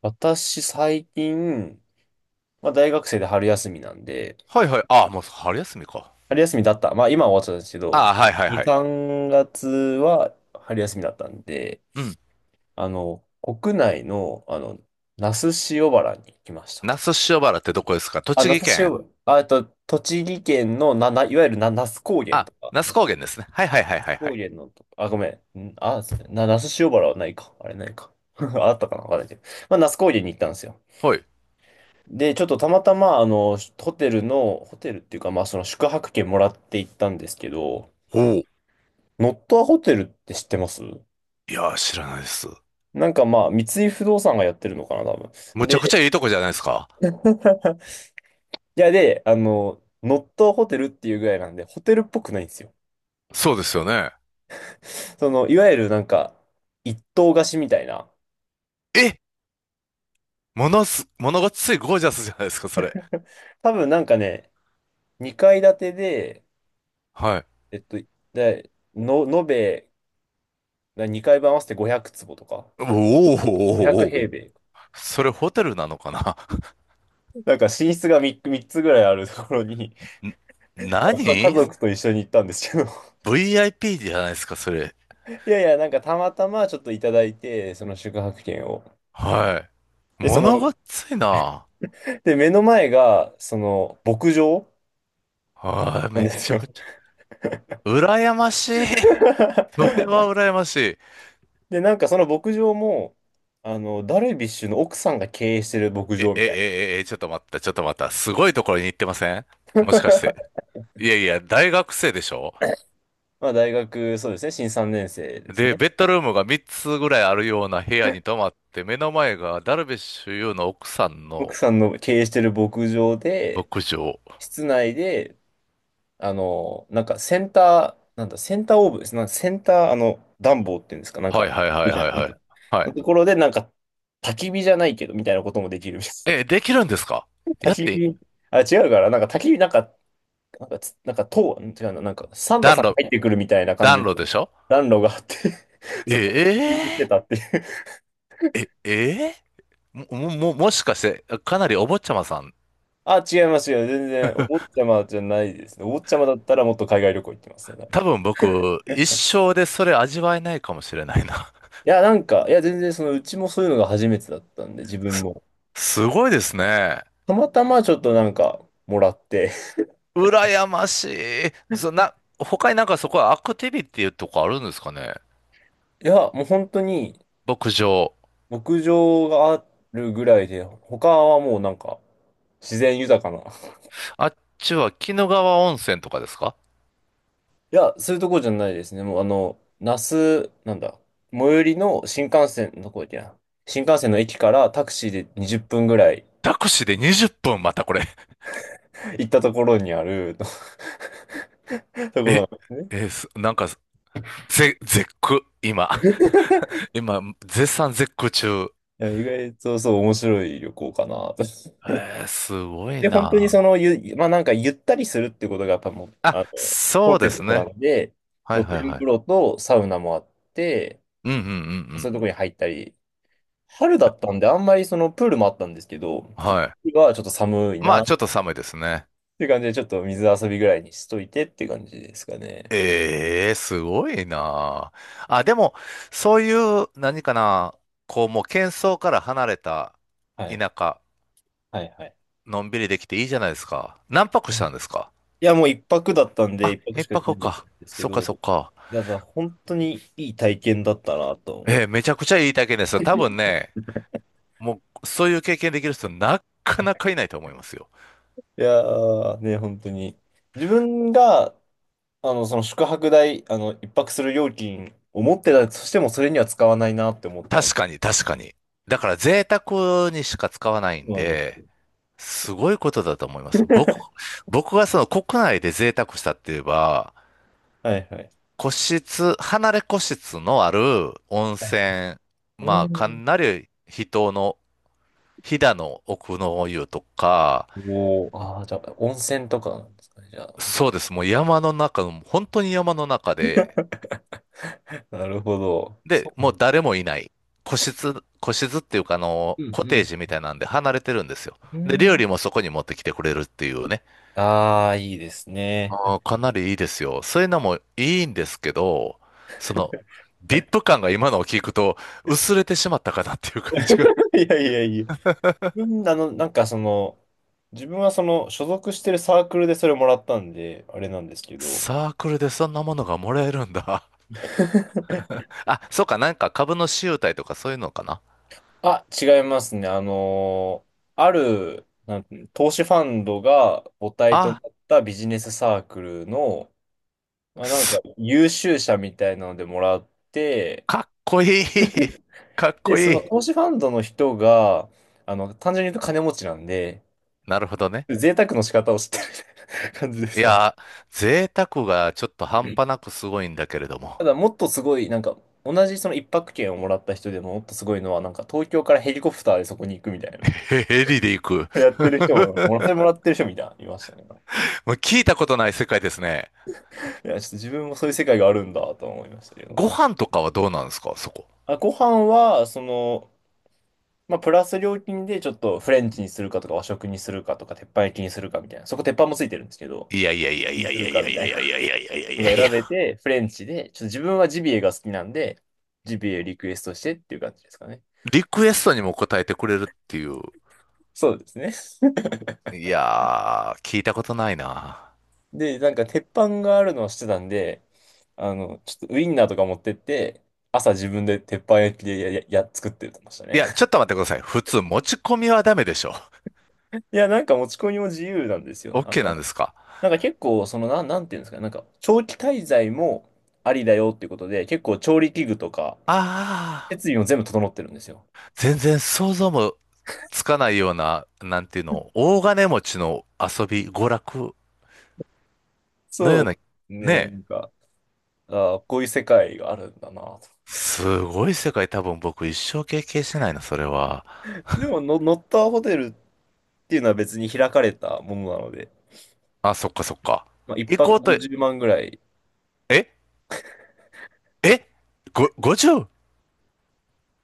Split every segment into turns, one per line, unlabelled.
私、最近、まあ、大学生で春休みなんで、
はいはい。ああ、もう春休みか。
春休みだった。まあ、今は終わっちゃったんですけ
あ
ど、
あ、はいはい
2、
はい。
3月は春休みだったんで、
うん。
国内の、那須塩原に来ました
那
と。
須塩原ってどこですか？
あ、
栃
那
木
須塩
県？
原、あ、栃木県のいわゆるな、那須高原
あ、
とか
那須
の、
高
那
原
須
ですね。はいはいはいはいは
高
い。
原のと、あ、ごめん、那須塩原はないか。あれないか。あったかなわかんないけど。まあ、那須高原に行ったんですよ。
はい。
で、ちょっとたまたま、ホテルの、ホテルっていうか、まあ、その宿泊券もらって行ったんですけど、
おお。
ノットアホテルって知ってます？
いやー、知らないです。
なんかまあ、三井不動産がやってるのかな、多分。
むちゃくち
で、
ゃいいとこじゃないですか。
いや、で、ノットホテルっていうぐらいなんで、ホテルっぽくないんですよ。
そうですよね。
その、いわゆるなんか、一棟貸しみたいな。
え、ものがついゴージャスじゃないですか、それ。
多分なんかね、2階建てで、
はい。
えっと、で、の、延べ2階分合わせて500坪とか、
おおー、
500
おー、おー、お
平
ー。
米。
それホテルなのかな？
なんか寝室が3、三つぐらいあるところに、
ん。
まあか家
何？
族と一緒に行ったんですけど、
VIP じゃないですか、それ。
いやいや、なんかたまたまちょっといただいて、その宿泊券を。
はい。
で、そ
も
の、
のがついな。
で、目の前が、その、牧場
はい、
なん
め
で
ち
す
ゃ
よ。
くちゃ。羨ましい。それは 羨ましい。
で、なんかその牧場も、ダルビッシュの奥さんが経営してる牧
え、
場み
え、
たいな。
え、え、ちょっと待った、ちょっと待った。すごいところに行ってません？もしかして。いやいや、大学生でしょ？
まあ、大学、そうですね、新3年生です
で、
ね。
ベッドルームが3つぐらいあるような部屋に泊まって、目の前がダルビッシュ有の奥さん
奥
の
さんの経営してる牧場で、
牧場。
室内で、なんかセンター、なんだ、センターオーブです。なんかセンター、暖房っていうんですか、なん
はい
か、
はいはい
みたい
はい
な、なん
はい。
か、
は
の
い。
ところで、なんか、焚き火じゃないけど、みたいなこともできるみたいです。
え、できるんですか？ やっ
焚き
て、
火、あ、違うから、なんか焚き火、なんか、なんかつ、なんか、塔、違うな、なんか、サンタ
暖
さんが
炉、
入ってくるみたいな感じ
暖炉で
の
しょ？
暖炉があって そこで焚き
え
火してたっていう。
ええ、えーも、もしかして、かなりお坊ちゃまさん。
あ、違いますよ。全然、お坊ちゃまじゃないですね。お坊ちゃまだったらもっと海外旅行行ってますね。
多分僕、一生でそれ味わえないかもしれないな。
いや、なんか、いや、全然、その、うちもそういうのが初めてだったんで、自分
す、
も。
すごいですね。
たまたまちょっとなんかもらって。
羨ましい。他になんかそこはアクティビティとかあるんですかね？
いや、もう本当に
牧場。
牧場があるぐらいで、他はもうなんか自然豊かな。
あっちは鬼怒川温泉とかですか？
いや、そういうとこじゃないですね。もう那須、なんだ、最寄りの新幹線のとこや。新幹線の駅からタクシーで20分ぐらい
タクシーで20分またこれ。
行ったところにある ところ
え、
なんで
え、なんか、絶句、今。
すね。
今、絶賛絶句中。
いや、意外とそう面白い旅行かなと。
すごい
で、本当に
な。
その、まあなんかゆったりするってことがやっぱもう、
あ、
コ
そ
ン
う
セ
です
プトな
ね。
んで、
はい
露
はい
天
は
風
い。
呂とサウナもあって、
うんうんうんうん。
そういうとこに入ったり、春だったんであんまりそのプールもあったんですけど、ちょっと、
はい。
今はちょっと寒い
ま
な
あ、
っ
ちょっと寒いですね。
ていう感じで、ちょっと水遊びぐらいにしといてっていう感じですかね。
ええ、すごいなあ。あ、でも、そういう、何かな、こう、もう、喧騒から離れた
はい。
田舎、
はいはい。
のんびりできていいじゃないですか。何泊
い
し
や、
たん
い
ですか？
やもう一泊だったんで、
あ、
一泊
一
しか行って
泊
なかっ
か。
たんですけ
そっかそっ
ど、
か。
だから本当にいい体験だったなと思
ええ、
う。
めちゃくちゃいい体験ですよ。多分ね、もう、そういう経験できる人、なかなかいないと思いますよ。
いやーね、本当に。自分がその宿泊代、一泊する料金を持ってたとしても、それには使わないなって思ったん。
確かに、確かに。だから、贅沢にしか使わないん
そうなんです
で、
よ。
すごいことだと思います。僕がその国内で贅沢したって言えば、
はいはい。
個室、離れ個室のある温
はい。
泉、
う
まあ、か
ん。
なり人の、飛騨の奥の湯とか、
おお、ああ、じゃあ、温泉とかなんですかね、じゃあ。
そうです、もう山の中本当に山の中で、
なるほど。
で、
そう。
もう誰もいない。個室、個室っていうか、あの、
う
コテー
ん
ジみたいなんで離れてるんですよ。
う
で、
ん。う
料
ん。
理もそこに持ってきてくれるっていうね。
ああ、いいですね。
かなりいいですよ。そういうのもいいんですけど、その、ビップ感が今のを聞くと薄れてしまったかなっていう感じが。
いやいやいや。自分、自分はその、所属してるサークルでそれもらったんで、あれなんですけど、
サークルでそんなものがもらえるんだ。あ、そうか、なんか株の集体とかそういうのかな。
あ、違いますね。ある、なんて投資ファンドが母体と
あ、
なったビジネスサークルの、まあ、なんか
す
優秀者みたいなのでもらって、
かっこいい。かっ
で、
こ
そ
い
の
い。
投資ファンドの人が、単純に言うと金持ちなんで、
なるほどね。
贅沢の仕方を知ってるみたいな感じで
い
すかね。
やー、贅沢がちょっと
う
半
ん、
端なくすごいんだけれど
た
も。
だ、もっとすごい、なんか、同じその一泊券をもらった人でももっとすごいのは、なんか東京からヘリコプターでそこに行くみたいな。
ヘリで行く。
やってる人も、それもらってる人みたいな、いましたね。
もう聞いたことない世界ですね。
いや、ちょっと自分もそういう世界があるんだと思いましたけど
ご
な。
飯とかはどうなんですか、そこ。
あ、ご飯は、その、まあ、プラス料金でちょっとフレンチにするかとか和食にするかとか鉄板焼きにするかみたいな。そこ鉄板もついてるんですけど、
いやいやいやい
に
や
す
い
る
やい
か
や
み
い
た
やい
い
やい
な
やいやいやい
の
や
が
いやい
選
や。
べて、フレンチで、ちょっと自分はジビエが好きなんで、ジビエリクエストしてっていう感じですかね。
リクエストにも答えてくれるっていう。
そうですね。
いやー、聞いたことないな。
で、なんか鉄板があるのをしてたんで、ちょっとウインナーとか持ってって、朝自分で鉄板焼きでや、や、や作ってました
い
ね。
や、ちょっと待ってください。普通持ち込みはダメでしょ？
いや、なんか持ち込みも自由なんですよ。
OK なんですか？
なんか結構、その、なんていうんですか、なんか、長期滞在もありだよっていうことで、結構調理器具とか、
ああ、
設備も全部整ってるんですよ。
全然想像もつかないような、なんていうの、大金持ちの遊び、娯楽のよ
そ
うな、
う。
ね
ね、なん
え。
か、ああ、こういう世界があるんだなと。
すごい世界多分僕一生経験しないな、それは。
でもの、ノッターホテルっていうのは別に開かれたものなので、
あ、そっかそっか。
まあ、一
行こ
泊
うと。
50万ぐらい、
ええ、50？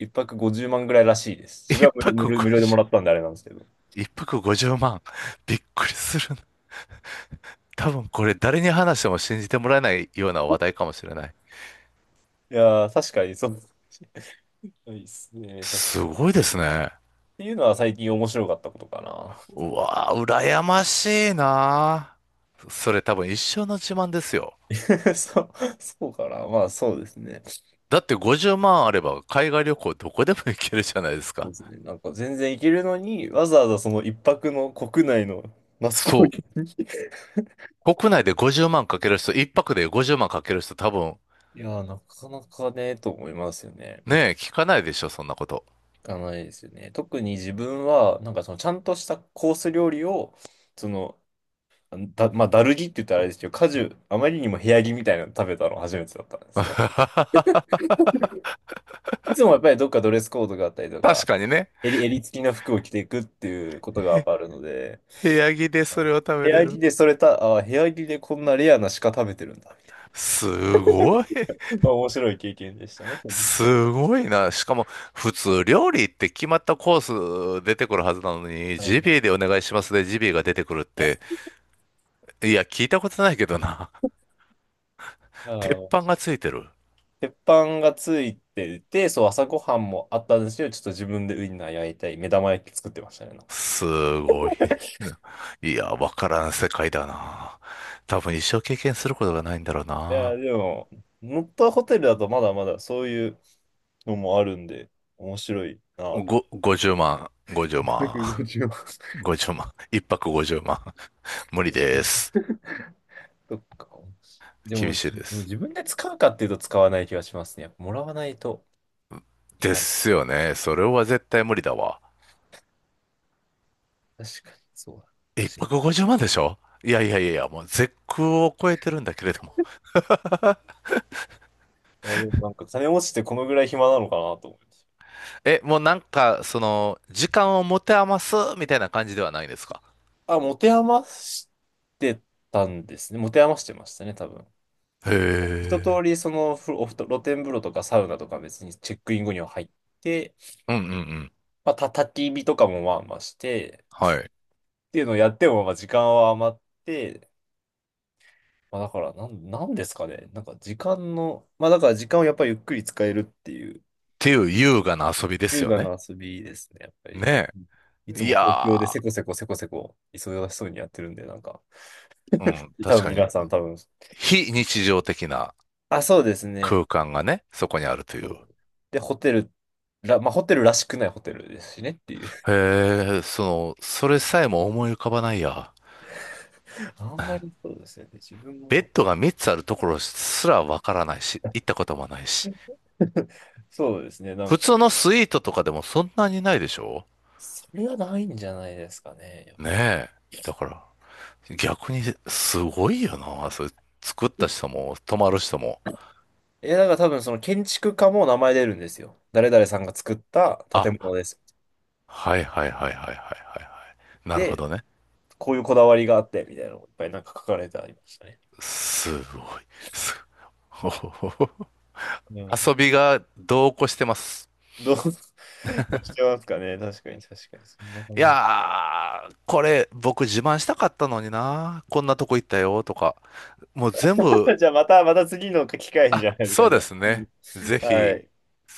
一泊50万ぐらいらしいです。自分
一
は無
泊
料、無料無料でも
50、
らったんであれなんですけど。
一泊50万。びっくりするな。多分これ誰に話しても信じてもらえないような話題かもしれない。
いやー、確かにそう。いいっすね、確
す
かに。っ
ごいですね。
ていうのは最近面白かったことかな。
うわー、羨ましいなー。それ多分一生の自慢ですよ。
そう、そうかな。まあそうですね。
だって50万あれば海外旅行どこでも行けるじゃないです
そう
か。
ですね。なんか全然行けるのに、わざわざその一泊の国内のマスコミ
そ
に。
う。国内で50万かける人、一泊で50万かける人多分、
いやー、なかなかね、と思いますよね。
ねえ、聞かないでしょ、そんなこと。
行かないですよね。特に自分は、なんかそのちゃんとしたコース料理を、その、だ、まあ、ダルギって言ったらあれですけど、果樹、あまりにも部屋着みたいなの食べたの初めてだったんですね。いつもやっぱりどっかドレスコードがあったりと
確
か、
かにね。
襟付きの服を着ていくっていうことがやっぱあるので、
部屋着で
あ、
それを食べれる。
部屋着でこんなレアな鹿食べてるんだ、みたいな。
すごい。
面白い経験でしたね。
すごいな。しかも、普通料理って決まったコース出てくるはずなのに、
は
ジ
い、
ビエでお願いしますでジビエが出てくるって、いや、聞いたことないけどな。
あ
鉄
の、
板がついてる。
鉄板がついてて、そう、朝ごはんもあったんですけど、ちょっと自分でウインナー焼いたり、目玉焼き作ってましたね、なんか。
すごいな。いや、わからん世界だな。多分一生経験することがないんだろう
いや、
な。
でも、ノットホテルだとまだまだそういうのもあるんで、面白いなって。
50万、50
150万。
万、50万、一泊50万。無理です。
そっか。で
厳
も、
しいで
でも
す。
自分で使うかっていうと使わない気がしますね。やっぱもらわないとい
で
かない。
すよね。それは絶対無理だわ。
確かに、そうだ。
一
確か
泊50万でしょ？いやいやいやいや、もう絶空を超えてるんだけれども。
に。あ、でもなんか金持ちってこのぐらい暇なのかなと思って。
え、もうなんか、その、時間を持て余すみたいな感じではないですか？
あ、持て余してたんですね。持て余してましたね、多分。
へ
一
え。
通り、その、ふおふと露天風呂とかサウナとか別にチェックイン後には入って、
うんうんうん。
まあ、焚き火とかもまあまあして、
はい。っ
っていうのをやっても、まあ、時間は余って、まあ、だから、なんですかね。なんか、時間の、まあ、だから、時間をやっぱりゆっくり使えるっていう、
ていう優雅な遊びです
優
よ
雅
ね。
な遊びですね、やっぱり。
ね
い
え。
つ
い
も東京で
や
せこせこせこせこ忙しそうにやってるんで、なんか、
ー、うん、
多
確
分
かに、
皆さん多分、
非日常的な
あ、そうですね。
空間がね、そこにあるという。
そうで、ホテルら、まあ、ホテルらしくないホテルですしねっていう。
へえ、その、それさえも思い浮かばないや。
あんまりそうですよね。で自分
ベッ
も。
ドが3つあるところすらわからないし、行ったこともないし。
そうですね。なん
普
か、
通のスイートとかでもそんなにないでしょ？
それはないんじゃないですかね。やっ
ね
ぱ
え。だから、逆にすごいよな。それ作った
り。
人も、泊まる人も。
え、だから多分その建築家も名前出るんですよ。誰々さんが作った建
あ、
物です。
はいはいはいはいはいはいはい。なるほ
で、
どね。
こういうこだわりがあって、みたいなのがいっぱいなんか書かれてありましたね。
すごい。すごい
う ん。
遊びが度こしてます。
どう、どうしてますかね。確かに、確かに。そんな
い
感じ。
やー、これ僕自慢したかったのにな。こんなとこ行ったよとか。もう全部、
じゃあまた、また次の機会にじゃないです
そ
か。
う
じゃ
で
あ。
す
いいで
ね。
す
ぜ
は
ひ。
い。